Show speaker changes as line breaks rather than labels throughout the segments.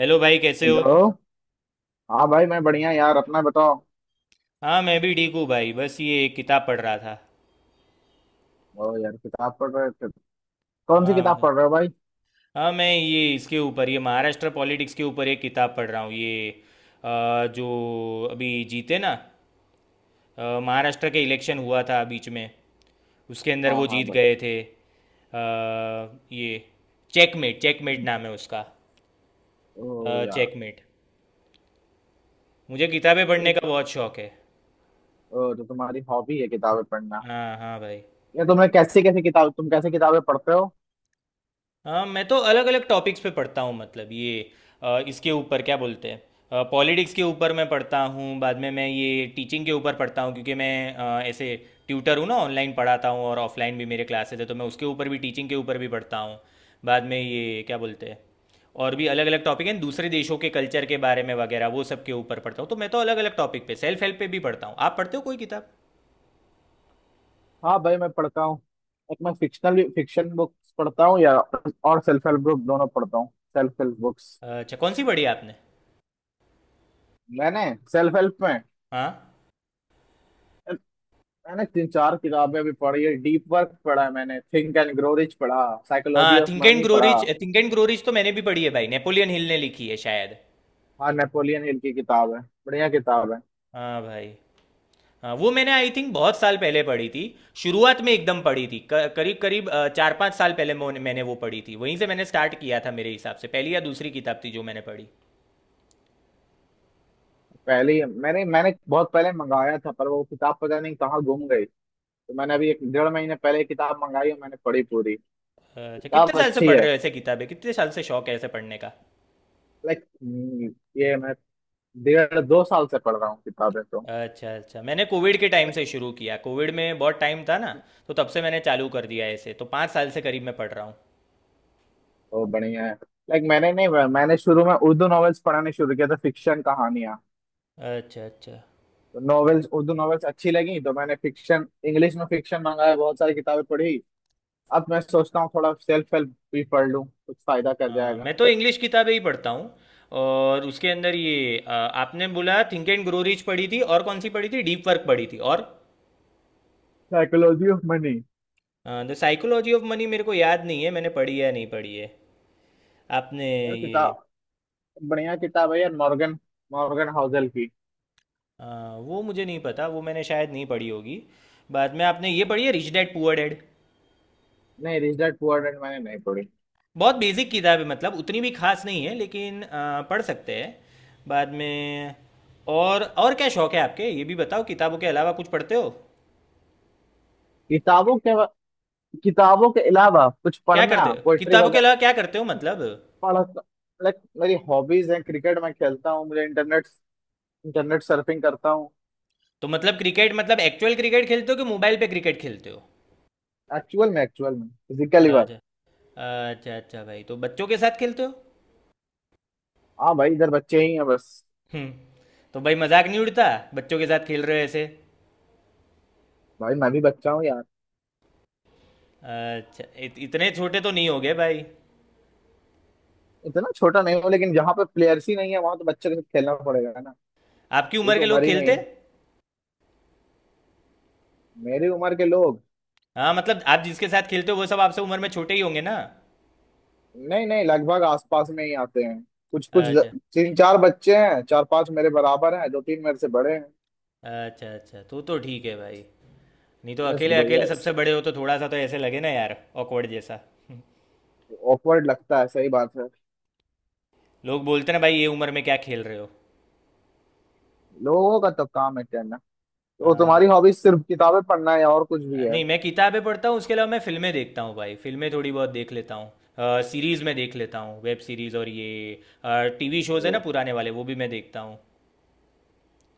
Hello भाई, कैसे हो?
हेलो। हाँ भाई मैं बढ़िया। यार अपना बताओ।
हाँ, मैं भी ठीक हूँ भाई, बस ये एक किताब पढ़ रहा था।
ओ यार, किताब पढ़ रहे थे। कौन सी
हाँ
किताब
भाई।
पढ़ रहे हो भाई?
हाँ, मैं ये इसके ऊपर ये महाराष्ट्र पॉलिटिक्स के ऊपर एक किताब पढ़ रहा हूँ ये जो अभी जीते ना। महाराष्ट्र के इलेक्शन हुआ था बीच में, उसके अंदर
हाँ
वो
हाँ
जीत
भाई।
गए थे। ये चेकमेट, चेकमेट नाम है उसका,
ओ यार।
चेकमेट। मुझे किताबें
ये
पढ़ने का
कि-
बहुत शौक है।
ओ तो तुम्हारी हॉबी है किताबें पढ़ना।
हाँ हाँ भाई।
ये तुम्हें कैसी कैसी किताब, तुम कैसे किताबें पढ़ते हो?
हाँ, मैं तो अलग अलग टॉपिक्स पे पढ़ता हूँ, मतलब ये इसके ऊपर क्या बोलते हैं, पॉलिटिक्स के ऊपर मैं पढ़ता हूँ, बाद में मैं ये टीचिंग के ऊपर पढ़ता हूँ क्योंकि मैं ऐसे ट्यूटर हूँ ना, ऑनलाइन पढ़ाता हूँ और ऑफलाइन भी मेरे क्लासेस है, तो मैं उसके ऊपर भी टीचिंग के ऊपर भी पढ़ता हूँ। बाद में ये क्या बोलते हैं, और भी अलग अलग टॉपिक हैं, दूसरे देशों के कल्चर के बारे में वगैरह, वो सब के ऊपर पढ़ता हूँ। तो मैं तो अलग अलग टॉपिक पे सेल्फ हेल्प पे भी पढ़ता हूँ। आप पढ़ते हो कोई किताब?
हाँ भाई मैं पढ़ता हूँ। एक मैं फिक्शनल फिक्शन बुक्स पढ़ता हूँ या और सेल्फ हेल्प बुक, दोनों पढ़ता हूँ। Self help books.
अच्छा, कौन सी पढ़ी आपने?
मैंने सेल्फ हेल्प में
हाँ।
मैंने तीन चार किताबें भी पढ़ी है। डीप वर्क पढ़ा है मैंने, थिंक एंड ग्रो रिच पढ़ा, साइकोलॉजी
हाँ,
of
think and
money
grow
पढ़ा।
Rich, think and grow rich तो मैंने भी पढ़ी है भाई, नेपोलियन हिल ने लिखी है शायद।
हाँ नेपोलियन हिल की किताब है। बढ़िया किताब है।
हाँ भाई। हाँ, वो मैंने आई थिंक बहुत साल पहले पढ़ी थी। शुरुआत में एकदम पढ़ी थी, करीब करीब चार पाँच साल पहले मैंने वो पढ़ी थी, वहीं से मैंने स्टार्ट किया था। मेरे हिसाब से पहली या दूसरी किताब थी जो मैंने पढ़ी।
पहले ही मैंने मैंने बहुत पहले मंगाया था, पर वो किताब पता नहीं कहाँ गुम गई। तो मैंने अभी एक डेढ़ महीने पहले ये किताब मंगाई और मैंने पढ़ी पूरी।
अच्छा, कितने
किताब
साल से
अच्छी
पढ़
है।
रहे हो ऐसे किताबें? कितने साल से शौक है ऐसे पढ़ने का?
लाइक, ये मैं डेढ़ दो साल से पढ़ रहा हूँ किताबें तो।
अच्छा अच्छा, मैंने कोविड के टाइम से शुरू किया, कोविड में बहुत टाइम था ना, तो तब से मैंने चालू कर दिया। ऐसे तो पाँच साल से करीब मैं पढ़ रहा हूँ।
तो बढ़िया है। लाइक, मैंने नहीं मैंने शुरू में उर्दू नॉवेल्स पढ़ने शुरू किया था, फिक्शन कहानियां।
अच्छा अच्छा।
तो नॉवेल्स, उर्दू नॉवेल्स अच्छी लगी तो मैंने फिक्शन, इंग्लिश में फिक्शन मंगाया, बहुत सारी किताबें पढ़ी। अब मैं सोचता हूँ थोड़ा सेल्फ हेल्प भी पढ़ लूँ, कुछ फायदा कर जाएगा।
मैं तो इंग्लिश किताबें ही पढ़ता हूँ। और उसके अंदर ये आपने बोला थिंक एंड ग्रो रिच पढ़ी थी, और कौन सी पढ़ी थी, डीप वर्क पढ़ी थी, और
psychology of money,
the psychology of money मेरे को याद नहीं है मैंने पढ़ी है या नहीं पढ़ी है। आपने
यार
ये
किताब, बढ़िया किताब है यार। मॉर्गन, मॉर्गन हाउसल की।
अ, वो मुझे नहीं पता, वो मैंने शायद नहीं पढ़ी होगी। बाद में आपने ये पढ़ी है रिच डैड पुअर डैड?
नहीं, रिच डैड पुअर डैड मैंने नहीं पढ़ी।
बहुत बेसिक किताब है, मतलब उतनी भी खास नहीं है, लेकिन पढ़ सकते हैं। बाद में और क्या शौक है आपके, ये भी बताओ, किताबों के अलावा कुछ पढ़ते हो?
किताबों के, किताबों के अलावा कुछ
क्या करते
पढ़ना,
हो
पोएट्री
किताबों के
वगैरह?
अलावा, क्या करते हो मतलब?
पढ़, लाइक मेरी हॉबीज हैं क्रिकेट मैं खेलता हूँ, मुझे इंटरनेट, इंटरनेट सर्फिंग करता हूँ।
तो मतलब क्रिकेट, मतलब एक्चुअल क्रिकेट खेलते हो कि मोबाइल पे क्रिकेट खेलते हो?
एक्चुअल में फिजिकली बात।
अच्छा। अच्छा अच्छा भाई, तो बच्चों के साथ खेलते हो?
हाँ भाई इधर बच्चे ही हैं बस।
हम्म। तो भाई मजाक नहीं उड़ता, बच्चों के साथ खेल रहे हो ऐसे?
भाई मैं भी बच्चा हूँ यार।
अच्छा, इतने छोटे तो नहीं हो गए भाई।
इतना छोटा नहीं हूँ, लेकिन जहाँ पे प्लेयर्स ही नहीं है वहां तो बच्चे के साथ खेलना पड़ेगा ना।
आपकी
ये
उम्र
तो
के लोग
उम्र ही नहीं
खेलते?
है। मेरी उम्र के लोग।
हाँ, मतलब आप जिसके साथ खेलते हो वो सब आपसे उम्र में छोटे ही होंगे ना?
नहीं नहीं, लगभग आसपास में ही आते हैं। कुछ कुछ
अच्छा।
तीन चार बच्चे हैं, चार पांच मेरे बराबर हैं, दो तीन मेरे से बड़े हैं।
अच्छा अच्छा, तो ठीक है भाई। नहीं तो
यस
अकेले
ब्रो
अकेले
यस।
सबसे बड़े हो तो थोड़ा सा तो ऐसे लगे ना यार, ऑकवर्ड जैसा।
ऑकवर्ड लगता है, सही बात है।
लोग बोलते ना भाई, ये उम्र में क्या खेल रहे हो।
लोगों का तो काम है कहना। तो
हाँ।
तुम्हारी हॉबीज सिर्फ किताबें पढ़ना है या और कुछ भी है?
नहीं, मैं किताबें पढ़ता हूँ, उसके अलावा मैं फिल्में देखता हूँ भाई। फिल्में थोड़ी बहुत देख लेता हूँ, सीरीज़ में देख लेता हूँ, वेब सीरीज़ और ये टीवी शोज़ है ना
तो,
पुराने वाले, वो भी मैं देखता हूँ।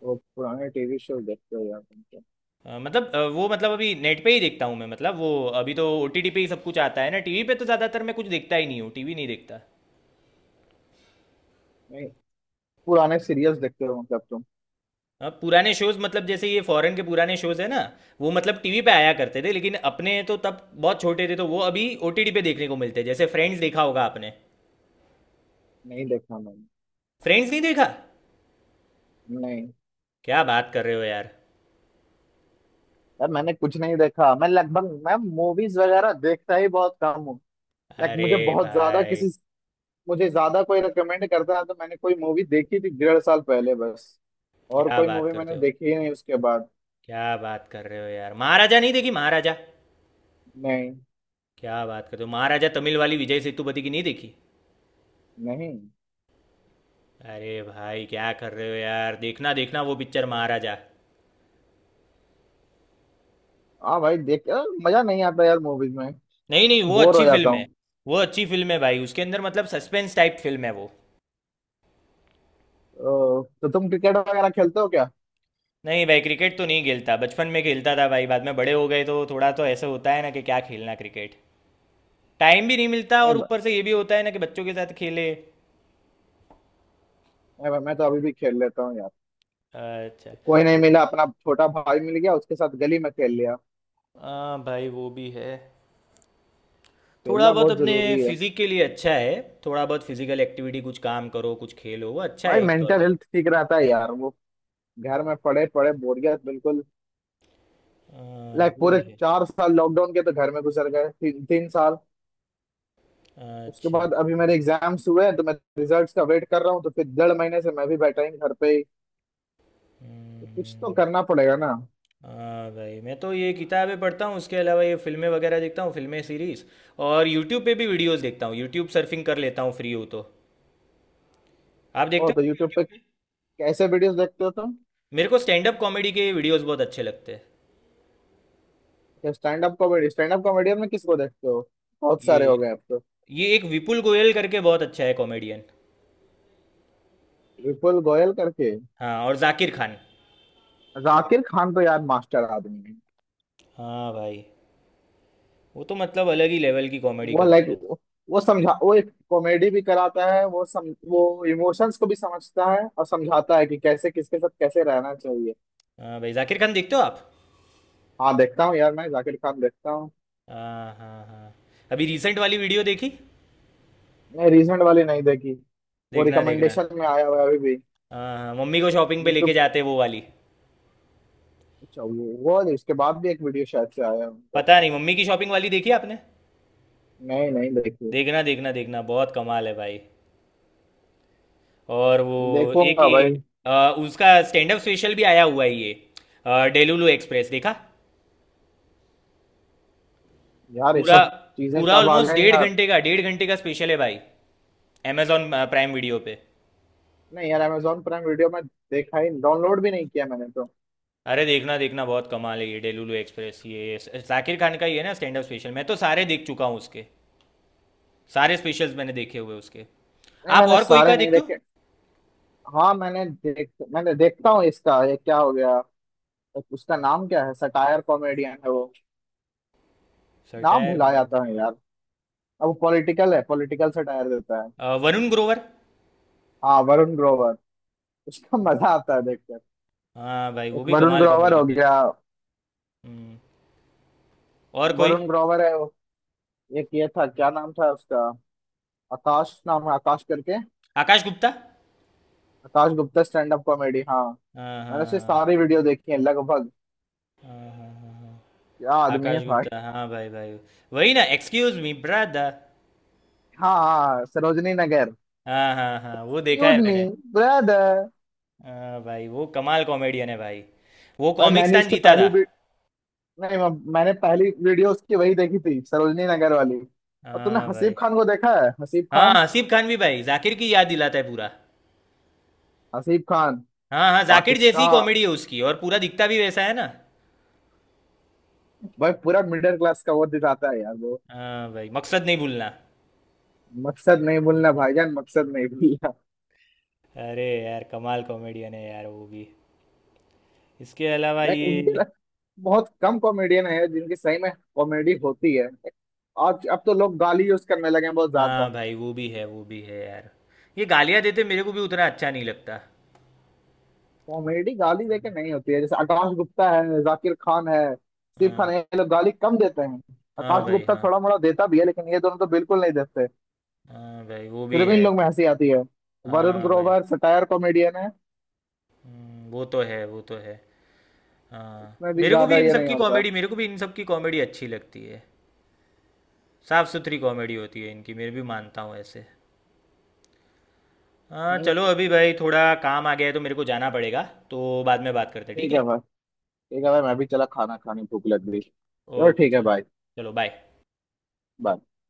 तो पुराने टीवी शो देखते हो यार तुम तो?
मतलब वो मतलब अभी नेट पे ही देखता हूँ मैं, मतलब वो अभी तो ओटीटी पे ही सब कुछ आता है ना, टीवी पे तो ज़्यादातर मैं कुछ देखता ही नहीं हूँ, टीवी नहीं देखता।
नहीं, पुराने सीरियल्स देखते हो मतलब तुम?
अब पुराने शोज़, मतलब जैसे ये फॉरेन के पुराने शोज़ है ना, वो मतलब टीवी पे आया करते थे लेकिन अपने तो तब बहुत छोटे थे, तो वो अभी ओटीटी पे देखने को मिलते हैं। जैसे फ्रेंड्स देखा होगा आपने।
नहीं देखा मैंने।
फ्रेंड्स नहीं देखा?
नहीं
क्या बात कर रहे हो यार।
यार, मैंने कुछ नहीं देखा। मैं लगभग मैं मूवीज वगैरह देखता ही बहुत कम हूँ। लाइक
अरे
मुझे बहुत ज्यादा
भाई,
किसी, मुझे ज्यादा कोई रिकमेंड करता है तो, मैंने कोई मूवी देखी थी डेढ़ साल पहले, बस। और
क्या
कोई
बात
मूवी
करते
मैंने
हो,
देखी ही नहीं उसके बाद।
क्या बात कर रहे हो यार। महाराजा नहीं देखी, महाराजा?
नहीं
क्या बात करते हो, महाराजा तमिल वाली विजय सेतुपति की नहीं देखी?
नहीं।
अरे भाई, क्या कर रहे हो यार। देखना देखना वो पिक्चर, महाराजा।
हाँ भाई देख यार, मजा नहीं आता यार मूवीज में।
नहीं नहीं, वो
बोर हो
अच्छी
जाता
फिल्म है।
हूँ।
वो अच्छी फिल्म है भाई, उसके अंदर मतलब सस्पेंस टाइप फिल्म है वो।
तो तुम क्रिकेट वगैरह खेलते हो क्या?
नहीं भाई, क्रिकेट तो नहीं खेलता, बचपन में खेलता था भाई, बाद में बड़े हो गए तो थोड़ा तो ऐसा होता है ना कि क्या खेलना क्रिकेट। टाइम भी नहीं मिलता
ए,
और
ब-
ऊपर से ये भी होता है ना कि बच्चों के साथ खेले।
मैं तो अभी भी खेल लेता हूँ यार।
अच्छा।
कोई नहीं मिला, अपना छोटा भाई मिल गया, उसके साथ गली में खेल लिया।
हाँ भाई, वो भी है। थोड़ा
खेलना
बहुत
बहुत
अपने
जरूरी है।
फिजिक के लिए अच्छा है। थोड़ा बहुत फिजिकल एक्टिविटी, कुछ काम करो, कुछ खेलो, वो अच्छा
भाई
है एक तौर
मेंटल
पे।
हेल्थ ठीक रहता है यार वो। घर में पड़े पड़े बोरियत बिल्कुल।
हाँ,
लाइक
वो
पूरे
भी है।
चार साल लॉकडाउन के तो घर में गुजर गए, तीन साल। उसके
अच्छा।
बाद अभी मेरे एग्जाम्स हुए हैं, तो मैं रिजल्ट्स का वेट कर रहा हूँ, तो फिर डेढ़ महीने से मैं भी बैठा ही घर पे ही। तो कुछ तो
हम्म।
करना पड़ेगा ना।
हाँ भाई, मैं तो ये किताबें पढ़ता हूँ, उसके अलावा ये फिल्में वगैरह देखता हूँ, फिल्में सीरीज। और यूट्यूब पे भी वीडियोस देखता हूँ, यूट्यूब सर्फिंग कर लेता हूँ फ्री हो तो। आप
ओ
देखते हो
तो
कुछ
यूट्यूब पे
यूट्यूब पे?
कैसे वीडियोस देखते हो तुम?
मेरे को स्टैंड अप कॉमेडी के वीडियोस बहुत अच्छे लगते हैं।
Stand up comedy, stand up comedian में किसको देखते हो? बहुत
ये
सारे हो गए अब तो।
ये एक विपुल गोयल करके बहुत अच्छा है कॉमेडियन।
विपुल गोयल करके?
हाँ, और जाकिर खान।
जाकिर खान तो यार मास्टर आदमी है।
हाँ भाई। वो तो मतलब अलग ही लेवल की कॉमेडी
वो
करता
लाइक,
है।
वो समझा, वो एक कॉमेडी भी कराता है, वो सम वो इमोशंस को भी समझता है और समझाता है कि कैसे किसके साथ कैसे रहना चाहिए।
हाँ भाई, जाकिर खान देखते हो आप?
हाँ देखता हूँ यार, मैं जाकिर खान देखता हूँ।
हाँ हाँ हाँ। अभी रिसेंट वाली वीडियो देखी?
नहीं रिसेंट वाली नहीं देखी। वो
देखना देखना।
रिकमेंडेशन में आया हुआ है अभी भी,
हाँ हाँ, मम्मी को शॉपिंग पे लेके
यूट्यूब।
जाते हैं वो वाली।
अच्छा, वो इसके बाद भी एक वीडियो शायद से आया है उनका।
पता नहीं, मम्मी की शॉपिंग वाली देखी आपने?
नहीं नहीं देखी।
देखना देखना देखना, बहुत कमाल है भाई। और वो एक
देखूंगा भाई।
ये उसका स्टैंड अप स्पेशल भी आया हुआ है ये डेलुलु एक्सप्रेस देखा?
यार ये
पूरा,
सब चीजें
पूरा
कब आ
ऑलमोस्ट
गई
डेढ़
यार।
घंटे का, डेढ़ घंटे का स्पेशल है भाई, अमेजॉन प्राइम वीडियो पे।
नहीं यार Amazon प्राइम वीडियो में देखा ही, डाउनलोड भी नहीं किया मैंने तो।
अरे देखना देखना, बहुत कमाल है ये डेलुलु एक्सप्रेस ये। जाकिर खान का ही है ना स्टैंड अप स्पेशल। मैं तो सारे देख चुका हूँ उसके, सारे स्पेशल्स मैंने देखे हुए उसके।
नहीं
आप
मैंने
और कोई
सारे
का
नहीं
देखते हो?
देखे। हाँ मैंने देख मैंने देखता हूँ इसका, ये क्या हो गया उसका नाम, क्या है, सटायर कॉमेडियन है वो, नाम
सटायर
भुला
कॉमेडी,
जाता है यार। अब वो पॉलिटिकल है, पॉलिटिकल सटायर देता है।
वरुण ग्रोवर।
हाँ वरुण ग्रोवर। उसका मजा आता है देख।
हाँ भाई, वो
एक
भी
वरुण
कमाल कॉमेडी
ग्रोवर हो
करता है।
गया।
हम्म, और कोई?
वरुण ग्रोवर है वो। एक ये था, क्या नाम था उसका, आकाश नाम है, आकाश करके।
आकाश गुप्ता।
आकाश गुप्ता स्टैंड अप कॉमेडी, हाँ।
हाँ
मैंने उसकी
हाँ
सारी वीडियो देखी है लगभग।
हाँ हाँ हाँ हाँ हाँ।
क्या आदमी है
आकाश
भाई।
गुप्ता, हाँ भाई भाई। वही ना, एक्सक्यूज मी ब्रदर।
हाँ हाँ सरोजनी नगर।
हाँ हाँ हाँ, वो देखा है
एक्सक्यूज मी
मैंने।
ब्रदर।
हाँ भाई, वो कमाल कॉमेडियन है भाई। वो
भाई
कॉमिक
मैंने
स्टैन
उसकी
जीता था।
पहली वी- नहीं मैं- मैंने पहली वीडियो उसकी वही देखी थी, सरोजनी नगर वाली। और तुमने
हाँ
हसीब
भाई।
खान को देखा है? हसीब
हाँ,
खान,
आसिफ खान भी भाई जाकिर की याद दिलाता है पूरा।
हसीब खान,
हाँ हाँ, जाकिर जैसी ही
पाकिस्तान।
कॉमेडी है उसकी और पूरा दिखता भी वैसा है ना।
भाई पूरा मिडिल क्लास का वो दिखाता है यार वो।
हाँ भाई, मकसद नहीं भूलना।
मकसद नहीं भूलना भाईजान, मकसद नहीं भूलना।
अरे यार, कमाल कॉमेडियन है यार वो भी। इसके अलावा
लाइक उनके
ये।
लाइक बहुत कम कॉमेडियन है जिनकी सही में कॉमेडी होती है। आज अब तो लोग गाली यूज करने लगे हैं बहुत ज्यादा।
हाँ भाई, वो भी है, वो भी है यार। ये गालियाँ देते मेरे को भी उतना अच्छा नहीं लगता।
कॉमेडी गाली देके नहीं होती है। जैसे आकाश गुप्ता है, जाकिर खान है, सिर्फ खान
हाँ।
है, ये लोग गाली कम देते हैं।
हाँ
आकाश
भाई।
गुप्ता
हाँ
थोड़ा मोड़ा देता भी है, लेकिन ये दोनों तो बिल्कुल नहीं देते।
हाँ भाई, वो भी
फिर भी
है।
इन लोग में हंसी आती है। वरुण
हाँ भाई।
ग्रोवर सटायर कॉमेडियन है,
वो तो है, वो तो है। हाँ।
उसमें भी ज्यादा ये नहीं होता।
मेरे को भी इन सब की कॉमेडी अच्छी लगती है। साफ सुथरी कॉमेडी होती है इनकी, मैं भी मानता हूँ ऐसे। हाँ
हम्म।
चलो, अभी भाई थोड़ा काम आ गया है तो मेरे को जाना पड़ेगा। तो बाद में बात करते हैं, ठीक
ठीक
है।
है भाई। ठीक है भाई, मैं भी चला खाना खाने, भूख लग गई। चलो
ओके
ठीक है
चल,
भाई।
चलो बाय।
बाय।